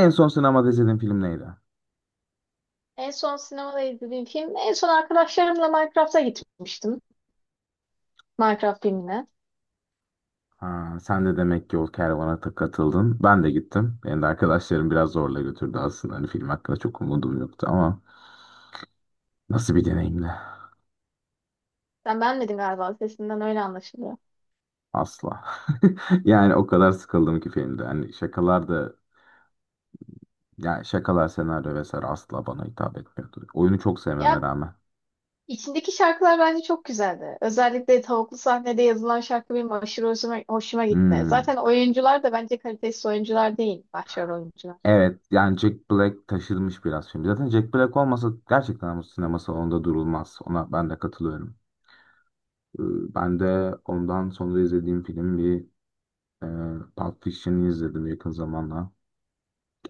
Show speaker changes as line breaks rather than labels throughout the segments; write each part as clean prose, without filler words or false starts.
En son sinemada izlediğin film neydi?
En son sinemada izlediğim film, en son arkadaşlarımla Minecraft'a gitmiştim. Minecraft filmine.
Ha, sen de demek ki o kervana katıldın. Ben de gittim. Benim de arkadaşlarım biraz zorla götürdü aslında. Hani film hakkında çok umudum yoktu ama nasıl bir deneyimdi?
Sen beğenmedin galiba, sesinden öyle anlaşılıyor.
Asla. Yani o kadar sıkıldım ki filmde. Hani şakalar da, yani şakalar, senaryo vesaire asla bana hitap etmiyordu. Oyunu çok
Ya
sevmeme rağmen.
içindeki şarkılar bence çok güzeldi. Özellikle tavuklu sahnede yazılan şarkı benim aşırı hoşuma gitti.
Hmm.
Zaten oyuncular da bence kalitesiz oyuncular değil, başrol oyuncular.
Evet, yani Jack Black taşırmış biraz film. Zaten Jack Black olmasa gerçekten bu sinema salonunda durulmaz. Ona ben de katılıyorum. Ben de ondan sonra izlediğim film e, Pulp Fiction'ı izledim yakın zamanda.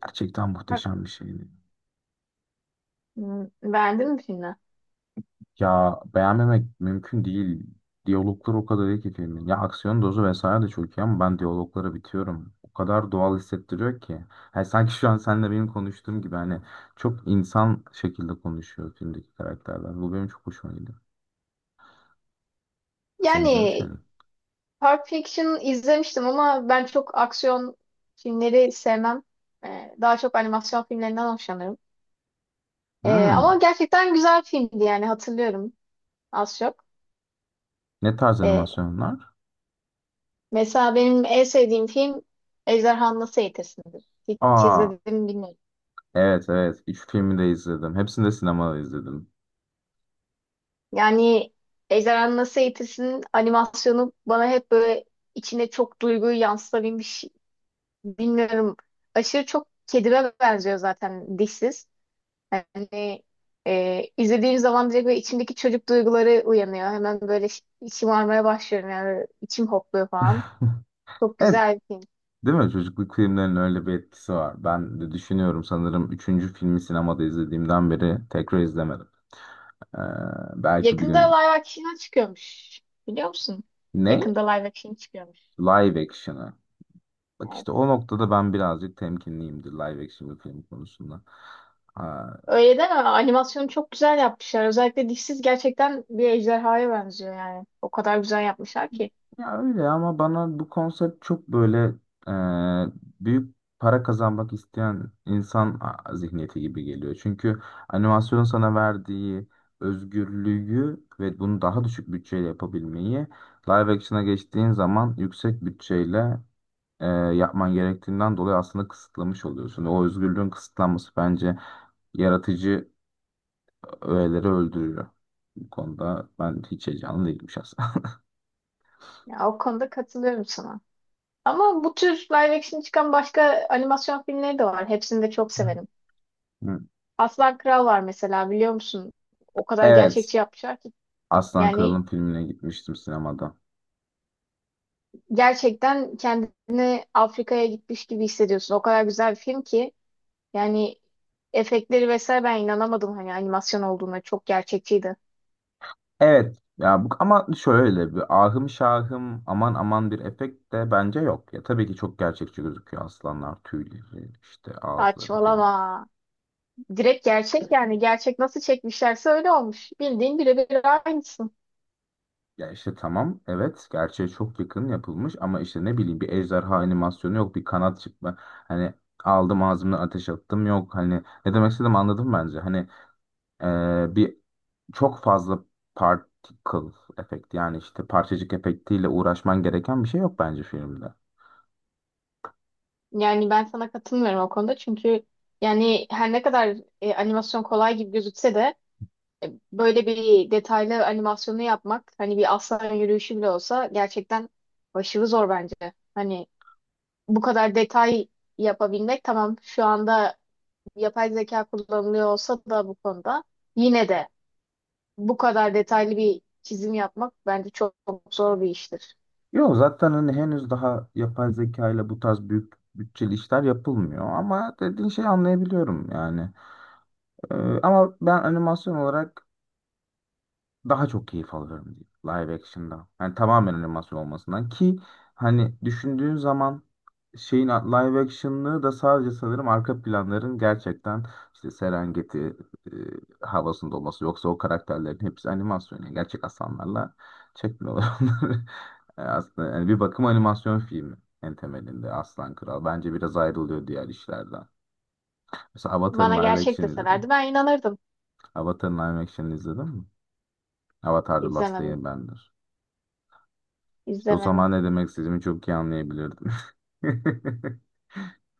Gerçekten
Bak,
muhteşem bir şeydi.
hmm, beğendin mi filmi?
Ya, beğenmemek mümkün değil. Diyaloglar o kadar iyi ki filmin. Ya, aksiyon dozu vesaire de çok iyi ama ben diyaloglara bitiyorum. O kadar doğal hissettiriyor ki. Yani sanki şu an seninle benim konuştuğum gibi, hani çok insan şekilde konuşuyor filmdeki karakterler. Bu benim çok hoşuma gidiyor. Sen izlemiş
Yani
miydin?
Pulp Fiction izlemiştim ama ben çok aksiyon filmleri sevmem. Daha çok animasyon filmlerinden hoşlanırım. Ama
Hmm.
gerçekten güzel filmdi yani hatırlıyorum az çok.
Ne tarz
Ee,
animasyonlar?
Mesela benim en sevdiğim film Ejderhanı Nasıl Eğitirsin'dir. Hiç
Aa.
izledim mi bilmiyorum.
Evet, evet. Üç filmi de izledim. Hepsini de sinemada izledim.
Yani Ejderhanı Nasıl Eğitirsin'in animasyonu bana hep böyle içine çok duyguyu yansıtabilmiş. Bilmiyorum. Aşırı çok kedime benziyor zaten dişsiz. Yani izlediğim zaman direkt böyle içimdeki çocuk duyguları uyanıyor. Hemen böyle şımarmaya başlıyorum yani içim hopluyor falan. Çok
Evet,
güzel bir film.
değil mi? Çocukluk filmlerinin öyle bir etkisi var. Ben de düşünüyorum, sanırım üçüncü filmi sinemada izlediğimden beri tekrar izlemedim. Ee, belki bir
Yakında
gün...
live action çıkıyormuş. Biliyor musun?
Ne?
Yakında live action çıkıyormuş.
Live action'ı. Bak,
Evet.
işte o noktada ben birazcık temkinliyimdir live action bir film konusunda.
Öyle deme. Animasyonu çok güzel yapmışlar. Özellikle dişsiz gerçekten bir ejderhaya benziyor yani. O kadar güzel yapmışlar ki.
Ya öyle, ama bana bu konsept çok böyle büyük para kazanmak isteyen insan zihniyeti gibi geliyor. Çünkü animasyonun sana verdiği özgürlüğü ve bunu daha düşük bütçeyle yapabilmeyi, live action'a geçtiğin zaman yüksek bütçeyle yapman gerektiğinden dolayı, aslında kısıtlamış oluyorsun. O özgürlüğün kısıtlanması bence yaratıcı öğeleri öldürüyor. Bu konuda ben hiç heyecanlı değilim şahsen.
Ya, o konuda katılıyorum sana. Ama bu tür live action çıkan başka animasyon filmleri de var. Hepsini de çok severim.
Hı.
Aslan Kral var mesela biliyor musun? O kadar
Evet.
gerçekçi yapmışlar ki.
Aslan
Yani
Kral'ın filmine gitmiştim sinemada.
gerçekten kendini Afrika'ya gitmiş gibi hissediyorsun. O kadar güzel bir film ki. Yani efektleri vesaire ben inanamadım hani animasyon olduğuna çok gerçekçiydi.
Evet ya, bu ama şöyle bir ahım şahım aman aman bir efekt de bence yok. Ya tabii ki çok gerçekçi gözüküyor, aslanlar, tüyleri, işte ağızları, bu.
Saçmalama. Direkt gerçek yani gerçek nasıl çekmişlerse öyle olmuş. Bildiğin birebir aynısın.
Ya işte, tamam, evet, gerçeğe çok yakın yapılmış ama işte ne bileyim, bir ejderha animasyonu yok, bir kanat çıkma, hani aldım ağzımdan ateş attım yok, hani ne demek istedim anladım bence. Hani, bir çok fazla particle efekt, yani işte parçacık efektiyle uğraşman gereken bir şey yok bence filmde.
Yani ben sana katılmıyorum o konuda çünkü yani her ne kadar animasyon kolay gibi gözükse de böyle bir detaylı animasyonu yapmak hani bir aslan yürüyüşü bile olsa gerçekten başarı zor bence. Hani bu kadar detay yapabilmek tamam şu anda yapay zeka kullanılıyor olsa da bu konuda yine de bu kadar detaylı bir çizim yapmak bence çok zor bir iştir.
Yok, zaten hani henüz daha yapay zeka ile bu tarz büyük bütçeli işler yapılmıyor ama dediğin şeyi anlayabiliyorum yani. Ee, ama ben animasyon olarak daha çok keyif alıyorum diyor live action'dan. Yani tamamen animasyon olmasından ki, hani düşündüğün zaman şeyin live action'lığı da sadece, sanırım, arka planların gerçekten işte Serengeti e, havasında olması, yoksa o karakterlerin hepsi animasyon. Yani gerçek aslanlarla çekmiyorlar onları. Aslında yani bir bakım animasyon filmi en temelinde Aslan Kral. Bence biraz ayrılıyor diğer işlerden. Mesela Avatar'ın
Bana
live
gerçek
action izledim.
deselerdi ben inanırdım.
Avatar'ın live action izledim mi? Avatar The Last
İzlemedim,
Airbender. İşte o
izlemedim.
zaman ne demek istediğimi çok iyi anlayabilirdim.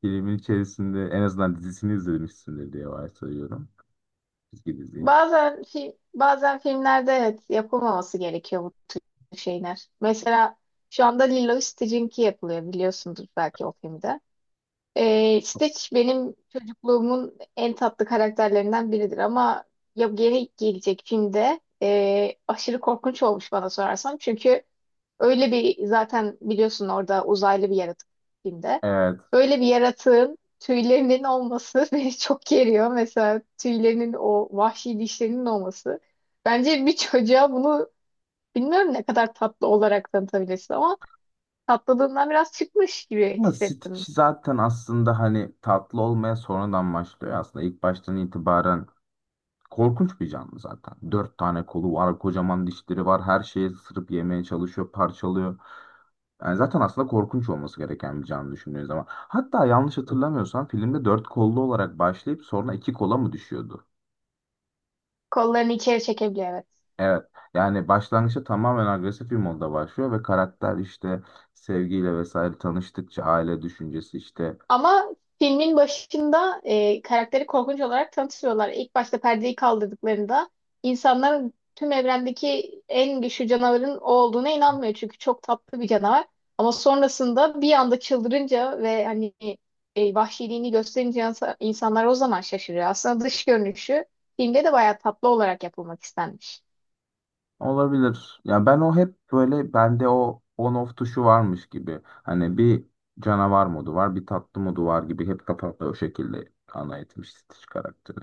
Filmin içerisinde en azından dizisini izlemişsindir diye varsayıyorum. Çizgi diziyi.
Bazen filmlerde evet yapılmaması gerekiyor bu şeyler. Mesela şu anda Lilo Stitch'inki yapılıyor biliyorsundur belki o filmde. Stitch benim çocukluğumun en tatlı karakterlerinden biridir ama ya geri gelecek filmde aşırı korkunç olmuş bana sorarsan. Çünkü öyle bir zaten biliyorsun orada uzaylı bir yaratık filmde.
Evet.
Öyle bir yaratığın tüylerinin olması beni çok geriyor. Mesela tüylerinin o vahşi dişlerinin olması. Bence bir çocuğa bunu bilmiyorum ne kadar tatlı olarak tanıtabilirsin ama tatlılığından biraz çıkmış gibi
Ama Stitch
hissettim.
zaten aslında hani tatlı olmaya sonradan başlıyor. Aslında ilk baştan itibaren korkunç bir canlı zaten. Dört tane kolu var, kocaman dişleri var. Her şeyi ısırıp yemeye çalışıyor, parçalıyor. Yani zaten aslında korkunç olması gereken bir canlı düşündüğün zaman. Hatta yanlış hatırlamıyorsam filmde dört kollu olarak başlayıp sonra iki kola mı düşüyordu?
Kollarını içeri çekebiliyor evet.
Evet. Yani başlangıçta tamamen agresif bir modda başlıyor ve karakter işte sevgiyle vesaire tanıştıkça, aile düşüncesi işte,
Ama filmin başında karakteri korkunç olarak tanıtıyorlar. İlk başta perdeyi kaldırdıklarında insanların tüm evrendeki en güçlü canavarın o olduğuna inanmıyor. Çünkü çok tatlı bir canavar. Ama sonrasında bir anda çıldırınca ve hani vahşiliğini gösterince insanlar o zaman şaşırıyor. Aslında dış görünüşü filmde de bayağı tatlı olarak yapılmak istenmiş.
olabilir. Yani ben, o hep böyle, bende o on off tuşu varmış gibi. Hani bir canavar modu var, bir tatlı modu var gibi hep kafamda o şekilde ana etmiş Stitch karakteri.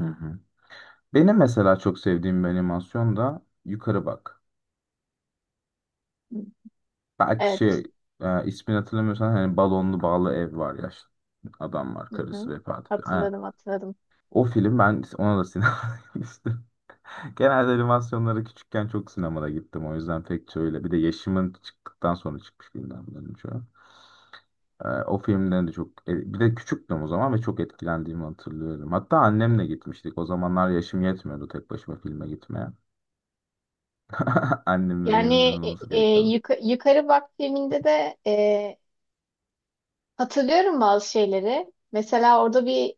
Hı hı. Benim mesela çok sevdiğim bir animasyon da Yukarı Bak. Belki
Evet.
şey, ismini hatırlamıyorsan, hani balonlu bağlı ev var ya, adam var,
Hı
karısı
hı.
vefat ediyor.
Hatırladım hatırladım.
O film, ben ona da sinemaya gitmiştim. Genelde animasyonlara küçükken çok sinemada gittim. O yüzden pek şöyle. Bir de yaşımın çıktıktan sonra çıkmış filmler bunların çoğu. O filmden de çok... bir de küçüktüm o zaman ve çok etkilendiğimi hatırlıyorum. Hatta annemle gitmiştik. O zamanlar yaşım yetmiyordu tek başıma filme gitmeye. Annemin
Yani
yanında olması gerekiyordu.
Yukarı Bak filminde de hatırlıyorum bazı şeyleri. Mesela orada bir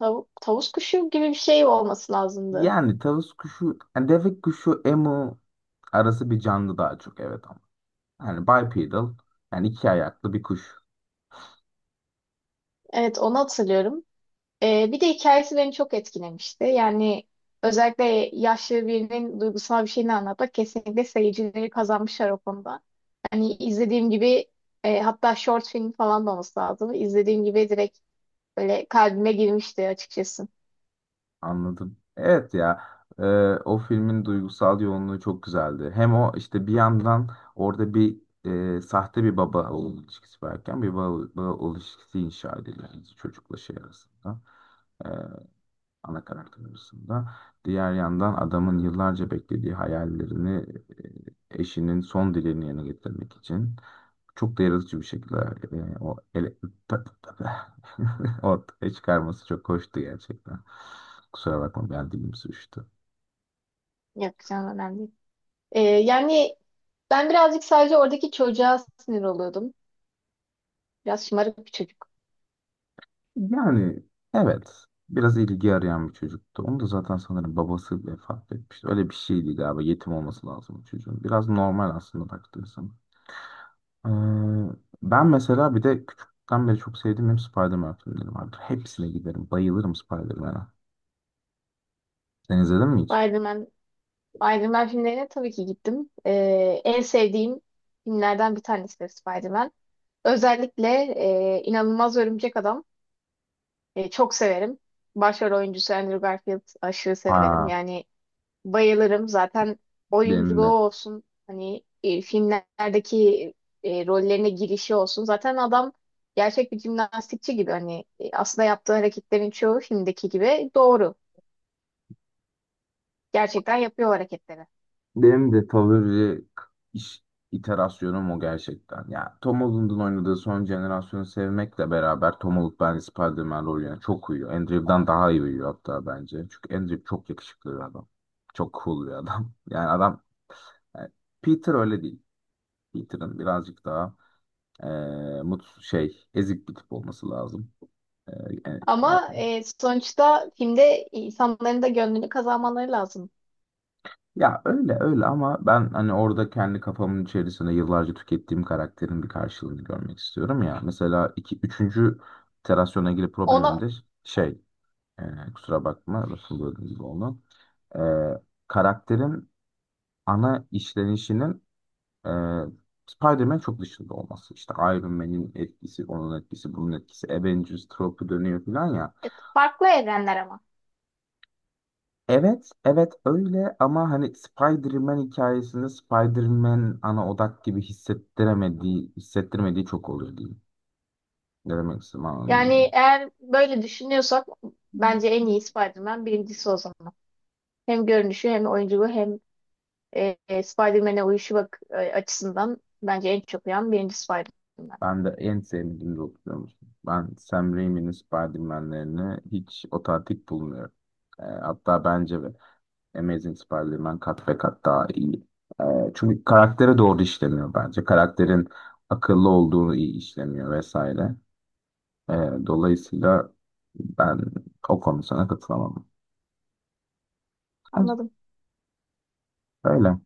tavuk tavus kuşu gibi bir şey olması lazımdı.
Yani tavus kuşu, yani deve kuşu, emu arası bir canlı daha çok, evet, ama. Yani bipedal, yani iki ayaklı bir kuş.
Evet, onu hatırlıyorum. Bir de hikayesi beni çok etkilemişti. Yani özellikle yaşlı birinin duygusal bir şeyini anlatmak kesinlikle seyircileri kazanmışlar o konuda. Hani izlediğim gibi hatta short film falan da olması lazım. İzlediğim gibi direkt böyle kalbime girmişti açıkçası.
Anladım. Evet ya. e, o filmin duygusal yoğunluğu çok güzeldi. Hem o işte bir yandan orada bir sahte bir baba oğul ilişkisi varken, baba oğul ilişkisi inşa ediliyor yani çocukla şey arasında. e, ana karakter arasında. Diğer yandan adamın yıllarca beklediği hayallerini, eşinin son dileğini yerine getirmek için çok da yaratıcı bir şekilde, yani ortaya çıkarması çok hoştu gerçekten. Kusura bakma, ben dilim sürçtü.
Yapacağım önemli değil. Yani ben birazcık sadece oradaki çocuğa sinir oluyordum. Biraz şımarık bir çocuk.
Yani evet, biraz ilgi arayan bir çocuktu. Onu da zaten sanırım babası vefat etmişti. Öyle bir şeydi galiba, yetim olması lazım çocuğun. Biraz normal aslında baktığın zaman. Ee, ben mesela bir de küçükten beri çok sevdiğim hep Spider-Man filmleri vardır. Hepsine giderim. Bayılırım Spider-Man'a. Sen izledin mi hiç?
Spider-Man, Spider-Man filmlerine tabii ki gittim. En sevdiğim filmlerden bir tanesi de Spider-Man. Özellikle İnanılmaz Örümcek Adam çok severim. Başrol oyuncusu Andrew Garfield aşırı severim.
Aa,
Yani bayılırım. Zaten
benim
oyunculuğu
de
olsun, hani filmlerdeki rollerine girişi olsun. Zaten adam gerçek bir jimnastikçi gibi. Hani aslında yaptığı hareketlerin çoğu filmdeki gibi doğru. Gerçekten yapıyor o hareketleri.
Benim de favori k- iş iterasyonum o gerçekten. Ya Tom Holland'ın oynadığı son jenerasyonu sevmekle beraber, Tom Holland bence Spider-Man rolüne çok uyuyor. Andrew'dan daha iyi uyuyor hatta bence. Çünkü Andrew Yep çok yakışıklı bir adam. Çok cool bir adam. Yani adam, yani Peter öyle değil. Peter'ın birazcık daha mutsuz, ezik bir tip olması lazım. Eee yani,
Ama sonuçta filmde insanların da gönlünü kazanmaları lazım.
ya öyle öyle ama ben hani orada kendi kafamın içerisinde yıllarca tükettiğim karakterin bir karşılığını görmek istiyorum ya. Mesela iki, üçüncü iterasyona ilgili problemim
Ona
de şey, kusura bakma, lafını böldüğüm gibi oldu. E, karakterin ana işlenişinin e, Spider-Man çok dışında olması. İşte Iron Man'in etkisi, onun etkisi, bunun etkisi, Avengers tropu dönüyor falan ya.
farklı evrenler ama.
Evet, evet öyle ama hani Spider-Man hikayesinde Spider-Man ana odak gibi hissettiremediği, hissettirmediği çok oluyor diyeyim. Ne demek istedim, anladın mı?
Yani eğer böyle düşünüyorsak bence en iyi Spider-Man birincisi o zaman. Hem görünüşü hem oyunculuğu hem Spider-Man'e uyuşu bak açısından bence en çok uyan birinci Spider-Man.
Ben de en sevmediğim rol, biliyor musun? Ben Sam Raimi'nin Spider-Man'lerini hiç otantik bulmuyorum. Hatta bence de Amazing Spider-Man kat ve kat daha iyi. E, çünkü karaktere doğru işlemiyor bence. Karakterin akıllı olduğunu iyi işlemiyor vesaire. Dolayısıyla ben o konu sana katılamam.
Anladım.
Öyle.